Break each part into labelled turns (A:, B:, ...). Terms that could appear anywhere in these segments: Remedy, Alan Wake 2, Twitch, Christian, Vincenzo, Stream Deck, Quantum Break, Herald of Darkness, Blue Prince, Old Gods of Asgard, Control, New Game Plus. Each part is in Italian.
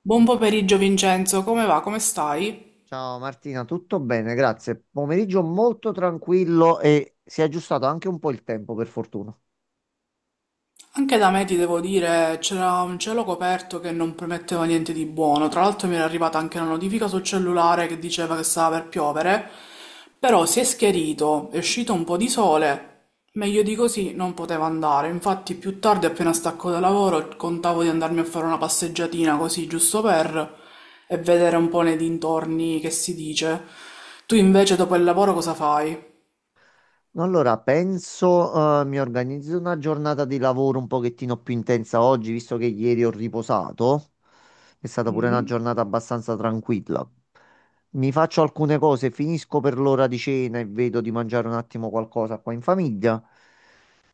A: Buon pomeriggio Vincenzo, come va? Come stai?
B: Ciao Martina, tutto bene, grazie. Pomeriggio molto tranquillo e si è aggiustato anche un po' il tempo, per fortuna.
A: Anche da me ti devo dire, c'era un cielo coperto che non prometteva niente di buono. Tra l'altro mi era arrivata anche una notifica sul cellulare che diceva che stava per piovere, però si è schierito, è uscito un po' di sole. Meglio di così non poteva andare. Infatti più tardi, appena stacco da lavoro, contavo di andarmi a fare una passeggiatina così, giusto per, e vedere un po' nei dintorni che si dice. Tu invece dopo il lavoro cosa fai?
B: Allora, penso, mi organizzo una giornata di lavoro un pochettino più intensa oggi, visto che ieri ho riposato. È stata pure una
A: Mm?
B: giornata abbastanza tranquilla. Mi faccio alcune cose, finisco per l'ora di cena e vedo di mangiare un attimo qualcosa qua in famiglia.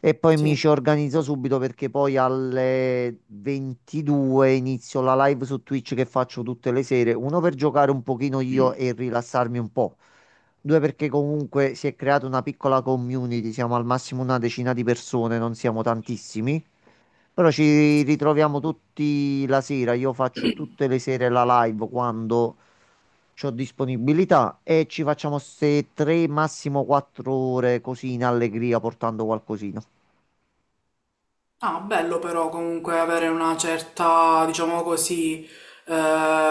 B: E poi mi ci
A: Sì.
B: organizzo subito perché poi alle 22 inizio la live su Twitch che faccio tutte le sere. Uno, per giocare un pochino io e rilassarmi un po'. Due, perché comunque si è creata una piccola community, siamo al massimo una decina di persone, non siamo tantissimi, però ci ritroviamo tutti la sera, io faccio tutte le sere la live quando ho disponibilità e ci facciamo queste tre, massimo quattro ore così in allegria, portando qualcosina.
A: Ah, bello però comunque avere una certa, diciamo così,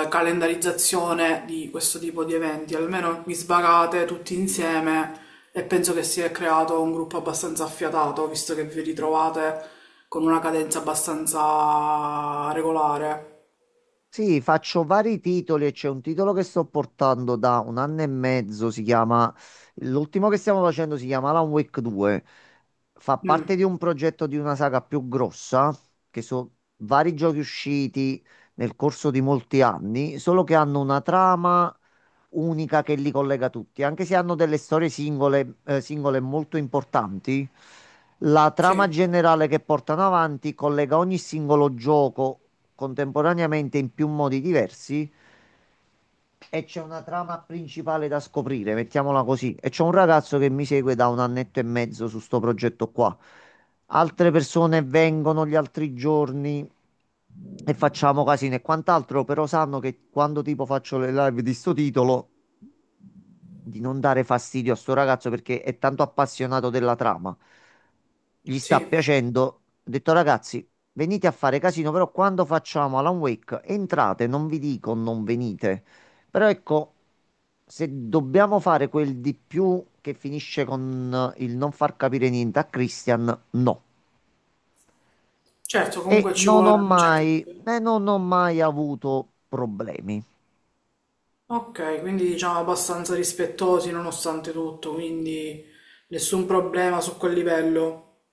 A: calendarizzazione di questo tipo di eventi. Almeno vi svagate tutti insieme e penso che si è creato un gruppo abbastanza affiatato, visto che vi ritrovate con una cadenza abbastanza regolare.
B: Sì, faccio vari titoli e c'è un titolo che sto portando da un anno e mezzo, si chiama, l'ultimo che stiamo facendo si chiama Alan Wake 2, fa
A: Mm,
B: parte di un progetto di una saga più grossa, che sono vari giochi usciti nel corso di molti anni, solo che hanno una trama unica che li collega tutti, anche se hanno delle storie singole, singole molto importanti. La trama
A: sì,
B: generale che portano avanti collega ogni singolo gioco contemporaneamente in più modi diversi e c'è una trama principale da scoprire, mettiamola così. E c'è un ragazzo che mi segue da un annetto e mezzo su sto progetto qua. Altre persone vengono gli altri giorni e facciamo casino e quant'altro, però sanno che quando tipo faccio le live di sto titolo di non dare fastidio a sto ragazzo perché è tanto appassionato della trama. Gli sta
A: sì.
B: piacendo. Ho detto: ragazzi, venite a fare casino, però quando facciamo Alan Wake, entrate, non vi dico non venite. Però ecco, se dobbiamo fare quel di più che finisce con il non far capire niente a Christian, no.
A: Certo,
B: E
A: comunque ci
B: non ho
A: vuole un certo...
B: mai, non ho mai avuto problemi.
A: Ok, quindi diciamo abbastanza rispettosi nonostante tutto, quindi nessun problema su quel livello.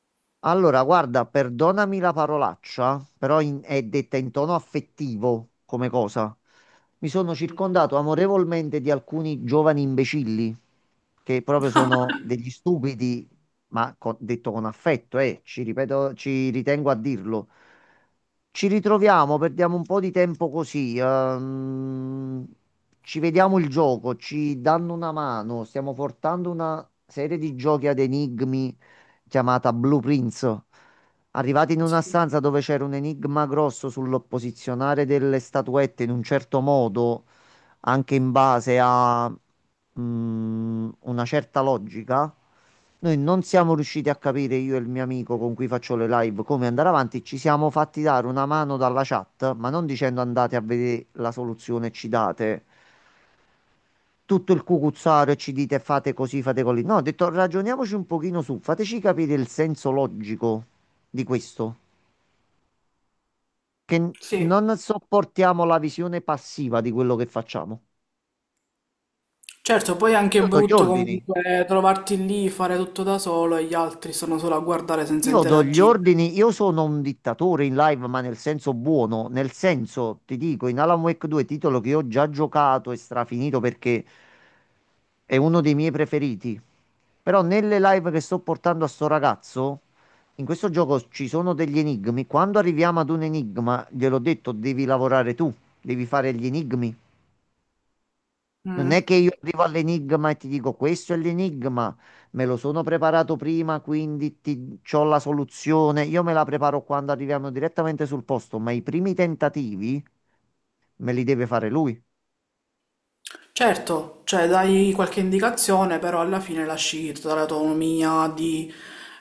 B: Allora, guarda, perdonami la parolaccia, però è detta in tono affettivo come cosa. Mi sono circondato amorevolmente di alcuni giovani imbecilli, che proprio sono degli stupidi, ma detto con affetto, ci ripeto, ci ritengo a dirlo. Ci ritroviamo, perdiamo un po' di tempo così, ci vediamo il gioco, ci danno una mano, stiamo portando una serie di giochi ad enigmi chiamata Blue Prince. Arrivati in una
A: Sì,
B: stanza dove c'era un enigma grosso sul posizionare delle statuette in un certo modo, anche in base a una certa logica, noi non siamo riusciti a capire, io e il mio amico con cui faccio le live, come andare avanti. Ci siamo fatti dare una mano dalla chat, ma non dicendo andate a vedere la soluzione e ci date tutto il cucuzzaro e ci dite fate così, fate così. No, ho detto ragioniamoci un pochino su, fateci capire il senso logico di questo, che
A: sì.
B: non sopportiamo la visione passiva di quello che facciamo.
A: Certo, poi è anche
B: Io do gli
A: brutto
B: ordini,
A: comunque trovarti lì, fare tutto da solo e gli altri sono solo a guardare senza
B: Io do gli
A: interagire.
B: ordini, io sono un dittatore in live, ma nel senso buono, nel senso, ti dico, in Alan Wake 2, titolo che ho già giocato e strafinito perché è uno dei miei preferiti. Però nelle live che sto portando a sto ragazzo, in questo gioco ci sono degli enigmi. Quando arriviamo ad un enigma, gliel'ho detto, devi lavorare tu, devi fare gli enigmi. Non è che
A: Mm.
B: io arrivo all'enigma e ti dico questo è l'enigma, me lo sono preparato prima, quindi ti, c'ho la soluzione. Io me la preparo quando arriviamo direttamente sul posto, ma i primi tentativi me li deve fare lui.
A: Certo, cioè dai qualche indicazione, però alla fine lasci tutta l'autonomia di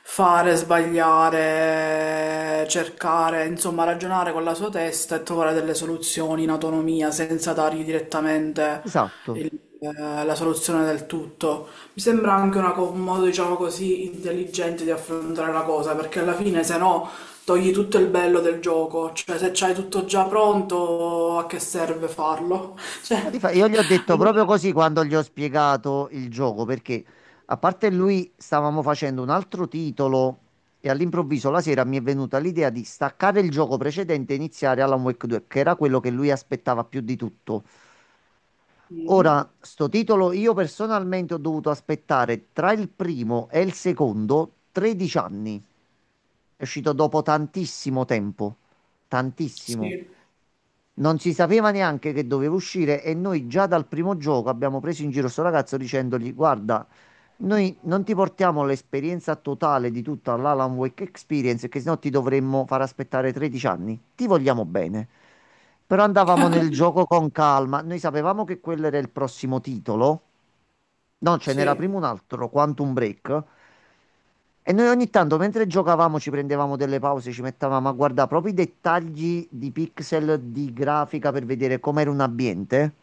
A: fare, sbagliare, cercare, insomma, ragionare con la sua testa e trovare delle soluzioni in autonomia senza dargli direttamente
B: Esatto.
A: il- la soluzione del tutto. Mi sembra anche una un modo, diciamo così, intelligente di affrontare la cosa, perché alla fine, se no, togli tutto il bello del gioco. Cioè, se c'hai tutto già pronto, a che serve farlo? Cioè.
B: Ma io gli ho detto
A: Allora.
B: proprio così quando gli ho spiegato il gioco, perché a parte lui stavamo facendo un altro titolo e all'improvviso la sera mi è venuta l'idea di staccare il gioco precedente e iniziare Alan Wake 2, che era quello che lui aspettava più di tutto.
A: Mm.
B: Ora, sto titolo io personalmente ho dovuto aspettare tra il primo e il secondo 13 anni. È uscito dopo tantissimo tempo. Tantissimo.
A: Sì,
B: Non si sapeva neanche che doveva uscire e noi già dal primo gioco abbiamo preso in giro sto ragazzo dicendogli: guarda, noi non ti portiamo l'esperienza totale di tutta l'Alan Wake Experience, che sennò ti dovremmo far aspettare 13 anni. Ti vogliamo bene. Però andavamo nel gioco con calma. Noi sapevamo che quello era il prossimo titolo. No, ce
A: sì,
B: n'era prima un altro, Quantum Break. E noi ogni tanto mentre giocavamo ci prendevamo delle pause, ci mettevamo a guardare proprio i dettagli di pixel di grafica per vedere com'era un ambiente,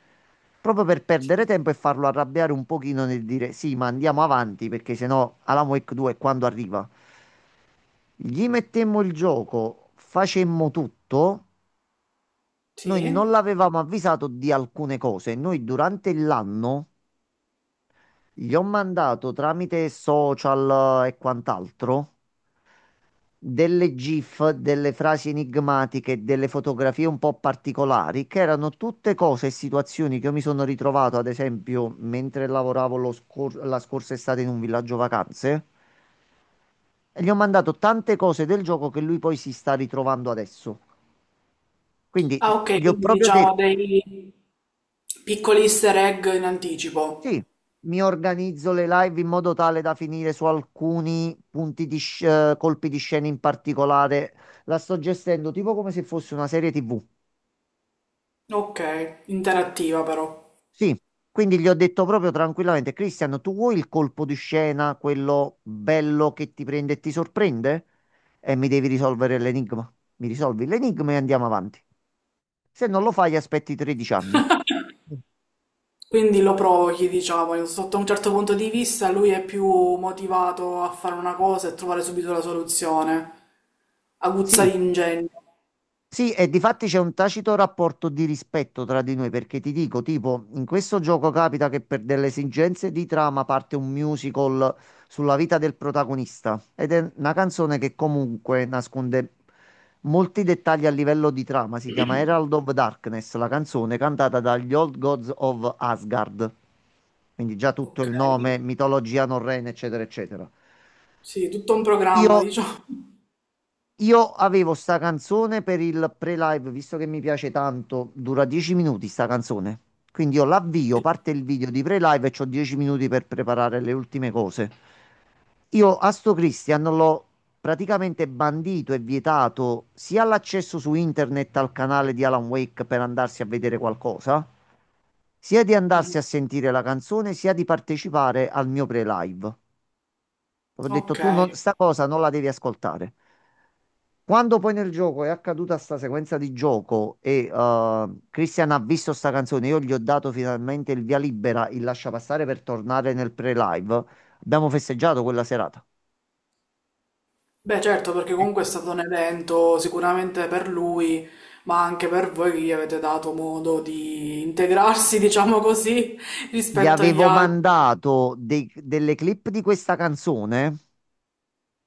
B: proprio per perdere
A: sì,
B: tempo e farlo arrabbiare un pochino nel dire sì, ma andiamo avanti perché sennò Alan Wake 2 quando arriva. Gli mettemmo il gioco, facemmo tutto, noi non
A: sì.
B: l'avevamo avvisato di alcune cose, noi durante l'anno gli ho mandato tramite social e quant'altro delle GIF, delle frasi enigmatiche, delle fotografie un po' particolari, che erano tutte cose e situazioni che io mi sono ritrovato, ad esempio, mentre lavoravo la scorsa estate in un villaggio vacanze, e gli ho mandato tante cose del gioco che lui poi si sta ritrovando adesso. Quindi
A: Ah, ok,
B: gli ho
A: quindi
B: proprio
A: diciamo
B: detto,
A: dei piccoli easter egg in
B: sì,
A: anticipo.
B: mi organizzo le live in modo tale da finire su alcuni punti di colpi di scena in particolare. La sto gestendo tipo come se fosse una serie TV.
A: Ok, interattiva però.
B: Sì, quindi gli ho detto proprio tranquillamente: Cristian, tu vuoi il colpo di scena, quello bello che ti prende e ti sorprende? E mi devi risolvere l'enigma. Mi risolvi l'enigma e andiamo avanti. Se non lo fai, aspetti 13 anni.
A: Quindi lo provochi, diciamo, sotto un certo punto di vista lui è più motivato a fare una cosa e trovare subito la soluzione. Aguzza
B: Sì,
A: l'ingegno.
B: Sì, e difatti c'è un tacito rapporto di rispetto tra di noi, perché ti dico, tipo, in questo gioco capita che per delle esigenze di trama parte un musical sulla vita del protagonista ed è una canzone che comunque nasconde molti dettagli a livello di trama. Si chiama Herald of Darkness, la canzone cantata dagli Old Gods of Asgard. Quindi già tutto
A: Ok,
B: il nome, mitologia norrena, eccetera, eccetera.
A: sì, tutto un programma,
B: Io
A: diciamo.
B: io avevo sta canzone per il pre-live, visto che mi piace tanto, dura 10 minuti sta canzone. Quindi io l'avvio,
A: Sì.
B: parte il video di pre-live e c'ho 10 minuti per preparare le ultime cose. Io a sto Christian l'ho praticamente bandito e vietato sia l'accesso su internet al canale di Alan Wake per andarsi a vedere qualcosa, sia di
A: Mm.
B: andarsi a sentire la canzone, sia di partecipare al mio pre-live. Ho detto,
A: Ok.
B: tu non, sta cosa non la devi ascoltare. Quando poi nel gioco è accaduta sta sequenza di gioco e Christian ha visto sta canzone, io gli ho dato finalmente il via libera, il lascia passare per tornare nel pre-live. Abbiamo festeggiato quella serata.
A: Beh, certo, perché comunque è stato un evento sicuramente per lui, ma anche per voi che gli avete dato modo di integrarsi, diciamo così,
B: Gli
A: rispetto agli
B: avevo
A: altri.
B: mandato delle clip di questa canzone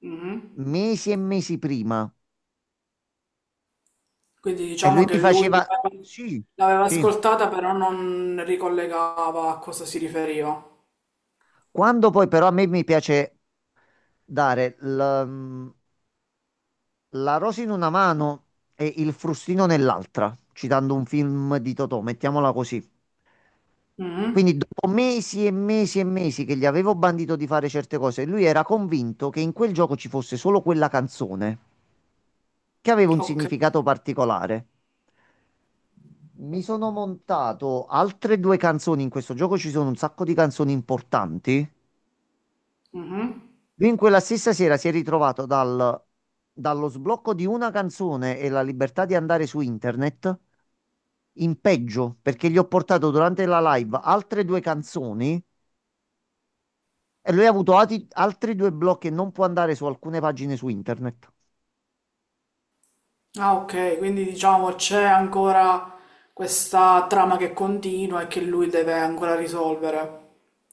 A: Mhm.
B: mesi e mesi prima
A: Quindi
B: e
A: diciamo
B: lui mi
A: che lui
B: faceva
A: l'aveva
B: sì,
A: l'aveva
B: sì.
A: ascoltata, però non ricollegava a cosa si riferiva.
B: Quando poi però a me mi piace dare la rosa in una mano e il frustino nell'altra, citando un film di Totò, mettiamola così.
A: Mhm.
B: Quindi dopo mesi e mesi e mesi che gli avevo bandito di fare certe cose, lui era convinto che in quel gioco ci fosse solo quella canzone, che aveva un
A: Ok.
B: significato particolare. Mi sono montato altre due canzoni, in questo gioco ci sono un sacco di canzoni importanti.
A: Mhm.
B: Lui in quella stessa sera si è ritrovato dallo sblocco di una canzone e la libertà di andare su internet in peggio, perché gli ho portato durante la live altre due canzoni e lui ha avuto altri due blocchi e non può andare su alcune pagine su internet.
A: Ah, ok, quindi diciamo c'è ancora questa trama che continua e che lui deve ancora risolvere.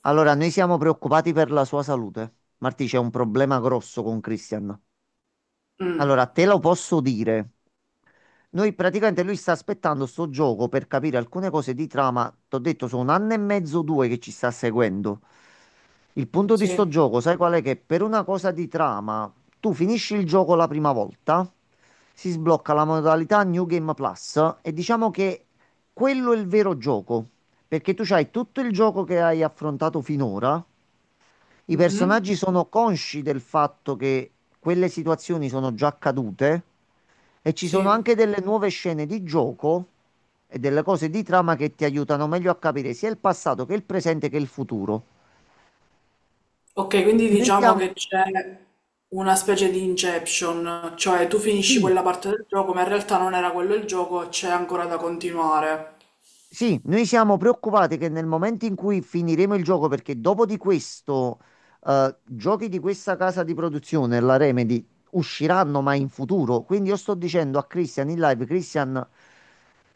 B: Allora, noi siamo preoccupati per la sua salute. Marti, c'è un problema grosso con Christian.
A: Mm.
B: Allora, te lo posso dire. Noi praticamente lui sta aspettando sto gioco per capire alcune cose di trama. T'ho detto, sono un anno e mezzo, due che ci sta seguendo. Il punto di sto
A: Sì.
B: gioco, sai qual è? Che per una cosa di trama, tu finisci il gioco la prima volta, si sblocca la modalità New Game Plus e diciamo che quello è il vero gioco, perché tu hai tutto il gioco che hai affrontato finora, i
A: Mhm.
B: personaggi sono consci del fatto che quelle situazioni sono già accadute e ci sono
A: Sì.
B: anche delle nuove scene di gioco e delle cose di trama che ti aiutano meglio a capire sia il passato che il presente che il futuro.
A: Ok, quindi
B: Noi
A: diciamo che
B: stiamo,
A: c'è una specie di inception, cioè tu finisci
B: sì,
A: quella parte del gioco, ma in realtà non era quello il gioco, c'è ancora da continuare.
B: Sì, noi siamo preoccupati che nel momento in cui finiremo il gioco, perché dopo di questo, giochi di questa casa di produzione, la Remedy, usciranno ma in futuro. Quindi io sto dicendo a Christian in live: Christian,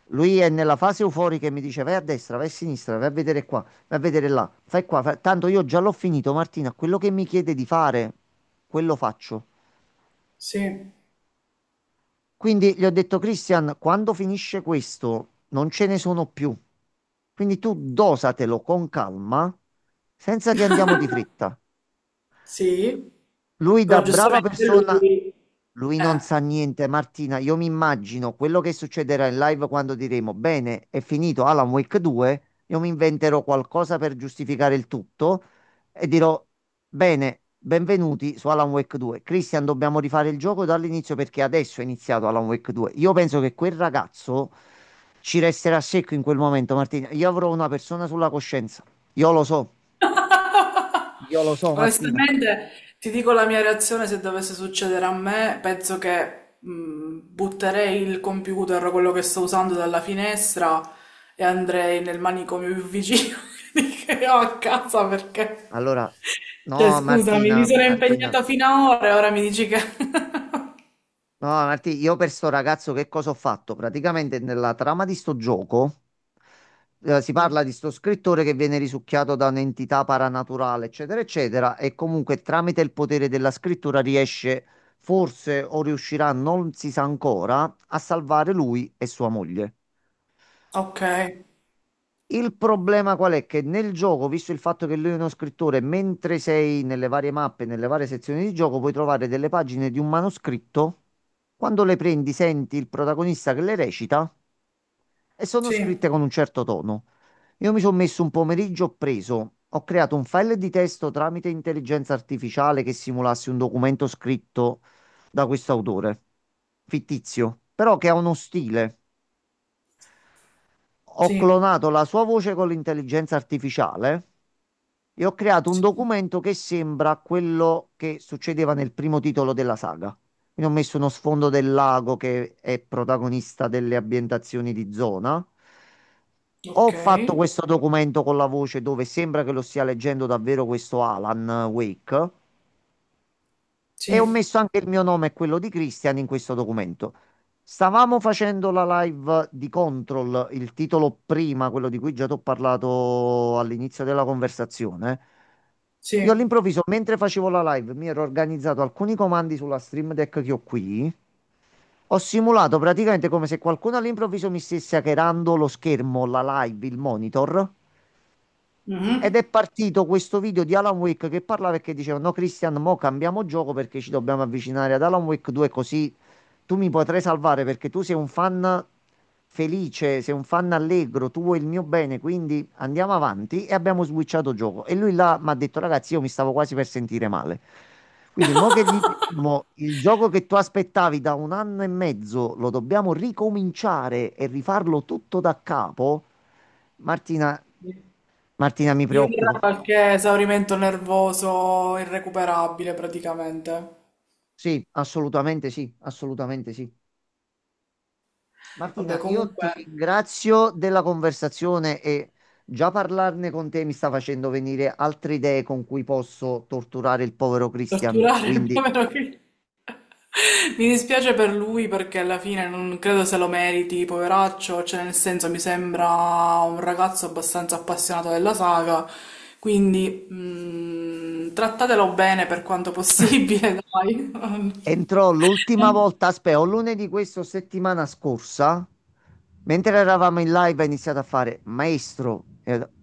B: lui è nella fase euforica e mi dice vai a destra, vai a sinistra, vai a vedere qua, vai a vedere là, fai qua, Tanto io già l'ho finito, Martina, quello che mi chiede di fare, quello faccio.
A: Sì,
B: Quindi gli ho detto, Christian, quando finisce questo non ce ne sono più. Quindi tu dosatelo con calma, senza che andiamo di fretta.
A: sì,
B: Lui da
A: però
B: brava
A: giustamente
B: persona,
A: lui...
B: lui non sa
A: Eh.
B: niente. Martina, io mi immagino quello che succederà in live quando diremo, bene, è finito Alan Wake 2, io mi inventerò qualcosa per giustificare il tutto e dirò, bene, benvenuti su Alan Wake 2. Christian, dobbiamo rifare il gioco dall'inizio perché adesso è iniziato Alan Wake 2. Io penso che quel ragazzo ci resterà secco in quel momento, Martina. Io avrò una persona sulla coscienza. Io lo so, io lo so, Martina.
A: Onestamente, ti dico la mia reazione se dovesse succedere a me, penso che butterei il computer, o quello che sto usando, dalla finestra e andrei nel manicomio più vicino che ho a casa perché...
B: Allora,
A: Cioè,
B: no,
A: scusami, mi
B: Martina,
A: sono
B: Martina,
A: impegnata fino a ora e ora mi dici che...
B: no, Martina, io per sto ragazzo che cosa ho fatto? Praticamente nella trama di sto gioco si
A: Mm.
B: parla di sto scrittore che viene risucchiato da un'entità paranaturale, eccetera, eccetera, e comunque tramite il potere della scrittura riesce, forse o riuscirà, non si sa ancora, a salvare lui e sua moglie.
A: Ok,
B: Il problema qual è? Che nel gioco, visto il fatto che lui è uno scrittore, mentre sei nelle varie mappe, nelle varie sezioni di gioco, puoi trovare delle pagine di un manoscritto. Quando le prendi, senti il protagonista che le recita e sono
A: sì,
B: scritte con un certo tono. Io mi sono messo un pomeriggio, ho preso, ho creato un file di testo tramite intelligenza artificiale che simulasse un documento scritto da questo autore, fittizio, però che ha uno stile. Ho
A: sì,
B: clonato la sua voce con l'intelligenza artificiale e ho creato un
A: sì,
B: documento che sembra quello che succedeva nel primo titolo della saga. Quindi ho messo uno sfondo del lago che è protagonista delle ambientazioni di zona. Ho
A: ok,
B: fatto questo documento con la voce dove sembra che lo stia leggendo davvero questo Alan Wake e ho
A: sì,
B: messo anche il mio nome e quello di Christian in questo documento. Stavamo facendo la live di Control, il titolo prima, quello di cui già ti ho parlato all'inizio della conversazione. Io
A: sì.
B: all'improvviso, mentre facevo la live, mi ero organizzato alcuni comandi sulla Stream Deck che ho qui. Ho simulato praticamente come se qualcuno all'improvviso mi stesse hackerando lo schermo, la live, il monitor. Ed
A: Mhm.
B: è partito questo video di Alan Wake che parlava e che diceva: "No, Christian, mo cambiamo gioco perché ci dobbiamo avvicinare ad Alan Wake 2, così tu mi potrai salvare perché tu sei un fan felice, sei un fan allegro, tu vuoi il mio bene, quindi andiamo avanti" e abbiamo switchato gioco. E lui là mi ha detto, ragazzi, io mi stavo quasi per sentire male. Quindi, mo che gli diciamo, il gioco che tu aspettavi da un anno e mezzo lo dobbiamo ricominciare e rifarlo tutto da capo, Martina, Martina mi
A: Io era
B: preoccupo.
A: qualche esaurimento nervoso irrecuperabile praticamente.
B: Sì, assolutamente sì, assolutamente sì.
A: Vabbè,
B: Martina, io
A: comunque,
B: ti ringrazio della conversazione e già parlarne con te mi sta facendo venire altre idee con cui posso torturare il povero Christian.
A: torturare il
B: Quindi
A: povero figlio. Mi dispiace per lui perché alla fine non credo se lo meriti, poveraccio, cioè nel senso mi sembra un ragazzo abbastanza appassionato della saga, quindi trattatelo bene per quanto possibile, dai.
B: entrò l'ultima volta, aspetta, o lunedì questo settimana scorsa, mentre eravamo in live, ha iniziato a fare maestro. E ho detto,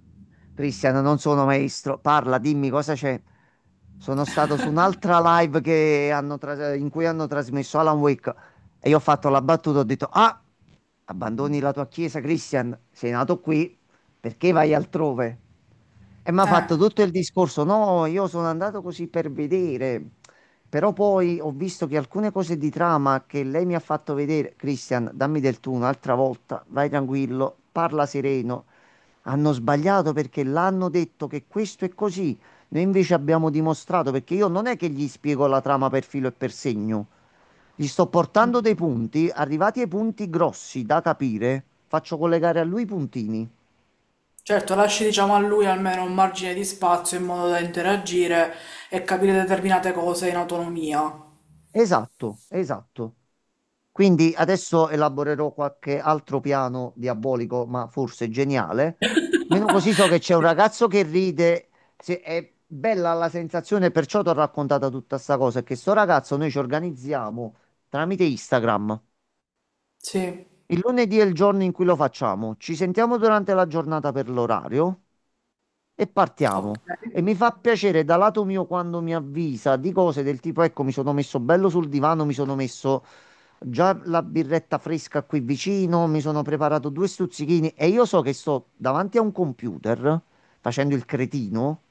B: Christian, non sono maestro, parla, dimmi cosa c'è. Sono stato su un'altra live che hanno in cui hanno trasmesso Alan Wake e io ho fatto la battuta, ho detto, ah, abbandoni la tua chiesa, Christian, sei nato qui, perché vai altrove? E mi ha
A: Eh.
B: fatto tutto il discorso, no, io sono andato così per vedere, però poi ho visto che alcune cose di trama che lei mi ha fatto vedere, Christian, dammi del tu un'altra volta, vai tranquillo, parla sereno, hanno sbagliato perché l'hanno detto che questo è così. Noi invece abbiamo dimostrato, perché io non è che gli spiego la trama per filo e per segno. Gli sto portando dei punti, arrivati ai punti grossi da capire, faccio collegare a lui i puntini.
A: Certo, lasci diciamo a lui almeno un margine di spazio in modo da interagire e capire determinate cose in autonomia.
B: Esatto, esatto. Quindi adesso elaborerò qualche altro piano diabolico, ma forse geniale. Meno così so che c'è un ragazzo che ride, è bella la sensazione, perciò ti ho raccontato tutta sta cosa, è che sto ragazzo noi ci organizziamo tramite Instagram.
A: Sì,
B: Il lunedì è il giorno in cui lo facciamo, ci sentiamo durante la giornata per l'orario e
A: ok,
B: partiamo. E mi fa piacere da lato mio quando mi avvisa di cose del tipo, ecco, mi sono messo bello sul divano, mi sono messo già la birretta fresca qui vicino, mi sono preparato due stuzzichini e io so che sto davanti a un computer facendo il cretino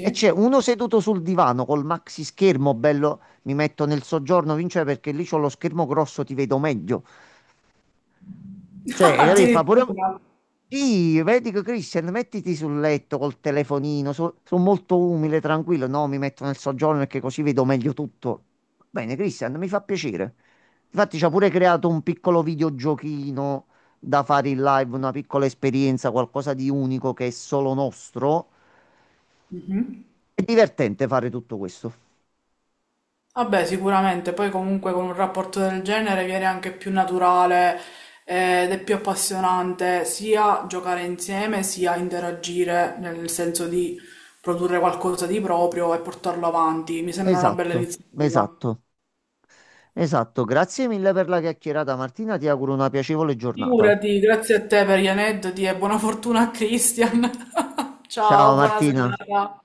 B: e c'è uno seduto sul divano col maxi schermo bello, mi metto nel soggiorno, vince perché lì c'ho lo schermo grosso, ti vedo meglio. Cioè, capì? Fa pure...
A: Addirittura.
B: Sì, vedi che Christian, mettiti sul letto col telefonino, sono molto umile, tranquillo, no, mi metto nel soggiorno perché così vedo meglio tutto. Bene, Christian, mi fa piacere. Infatti ci ha pure creato un piccolo videogiochino da fare in live, una piccola esperienza, qualcosa di unico che è solo nostro.
A: Mhm.
B: È divertente fare tutto questo.
A: Vabbè, sicuramente, poi comunque con un rapporto del genere viene anche più naturale ed è più appassionante sia giocare insieme sia interagire nel senso di produrre qualcosa di proprio e portarlo avanti. Mi sembra una bella
B: Esatto,
A: iniziativa.
B: esatto, esatto. Grazie mille per la chiacchierata, Martina, ti auguro una piacevole giornata.
A: Figurati, grazie a te per gli aneddoti e buona fortuna a Christian.
B: Ciao
A: Ciao, buona
B: Martina.
A: serata.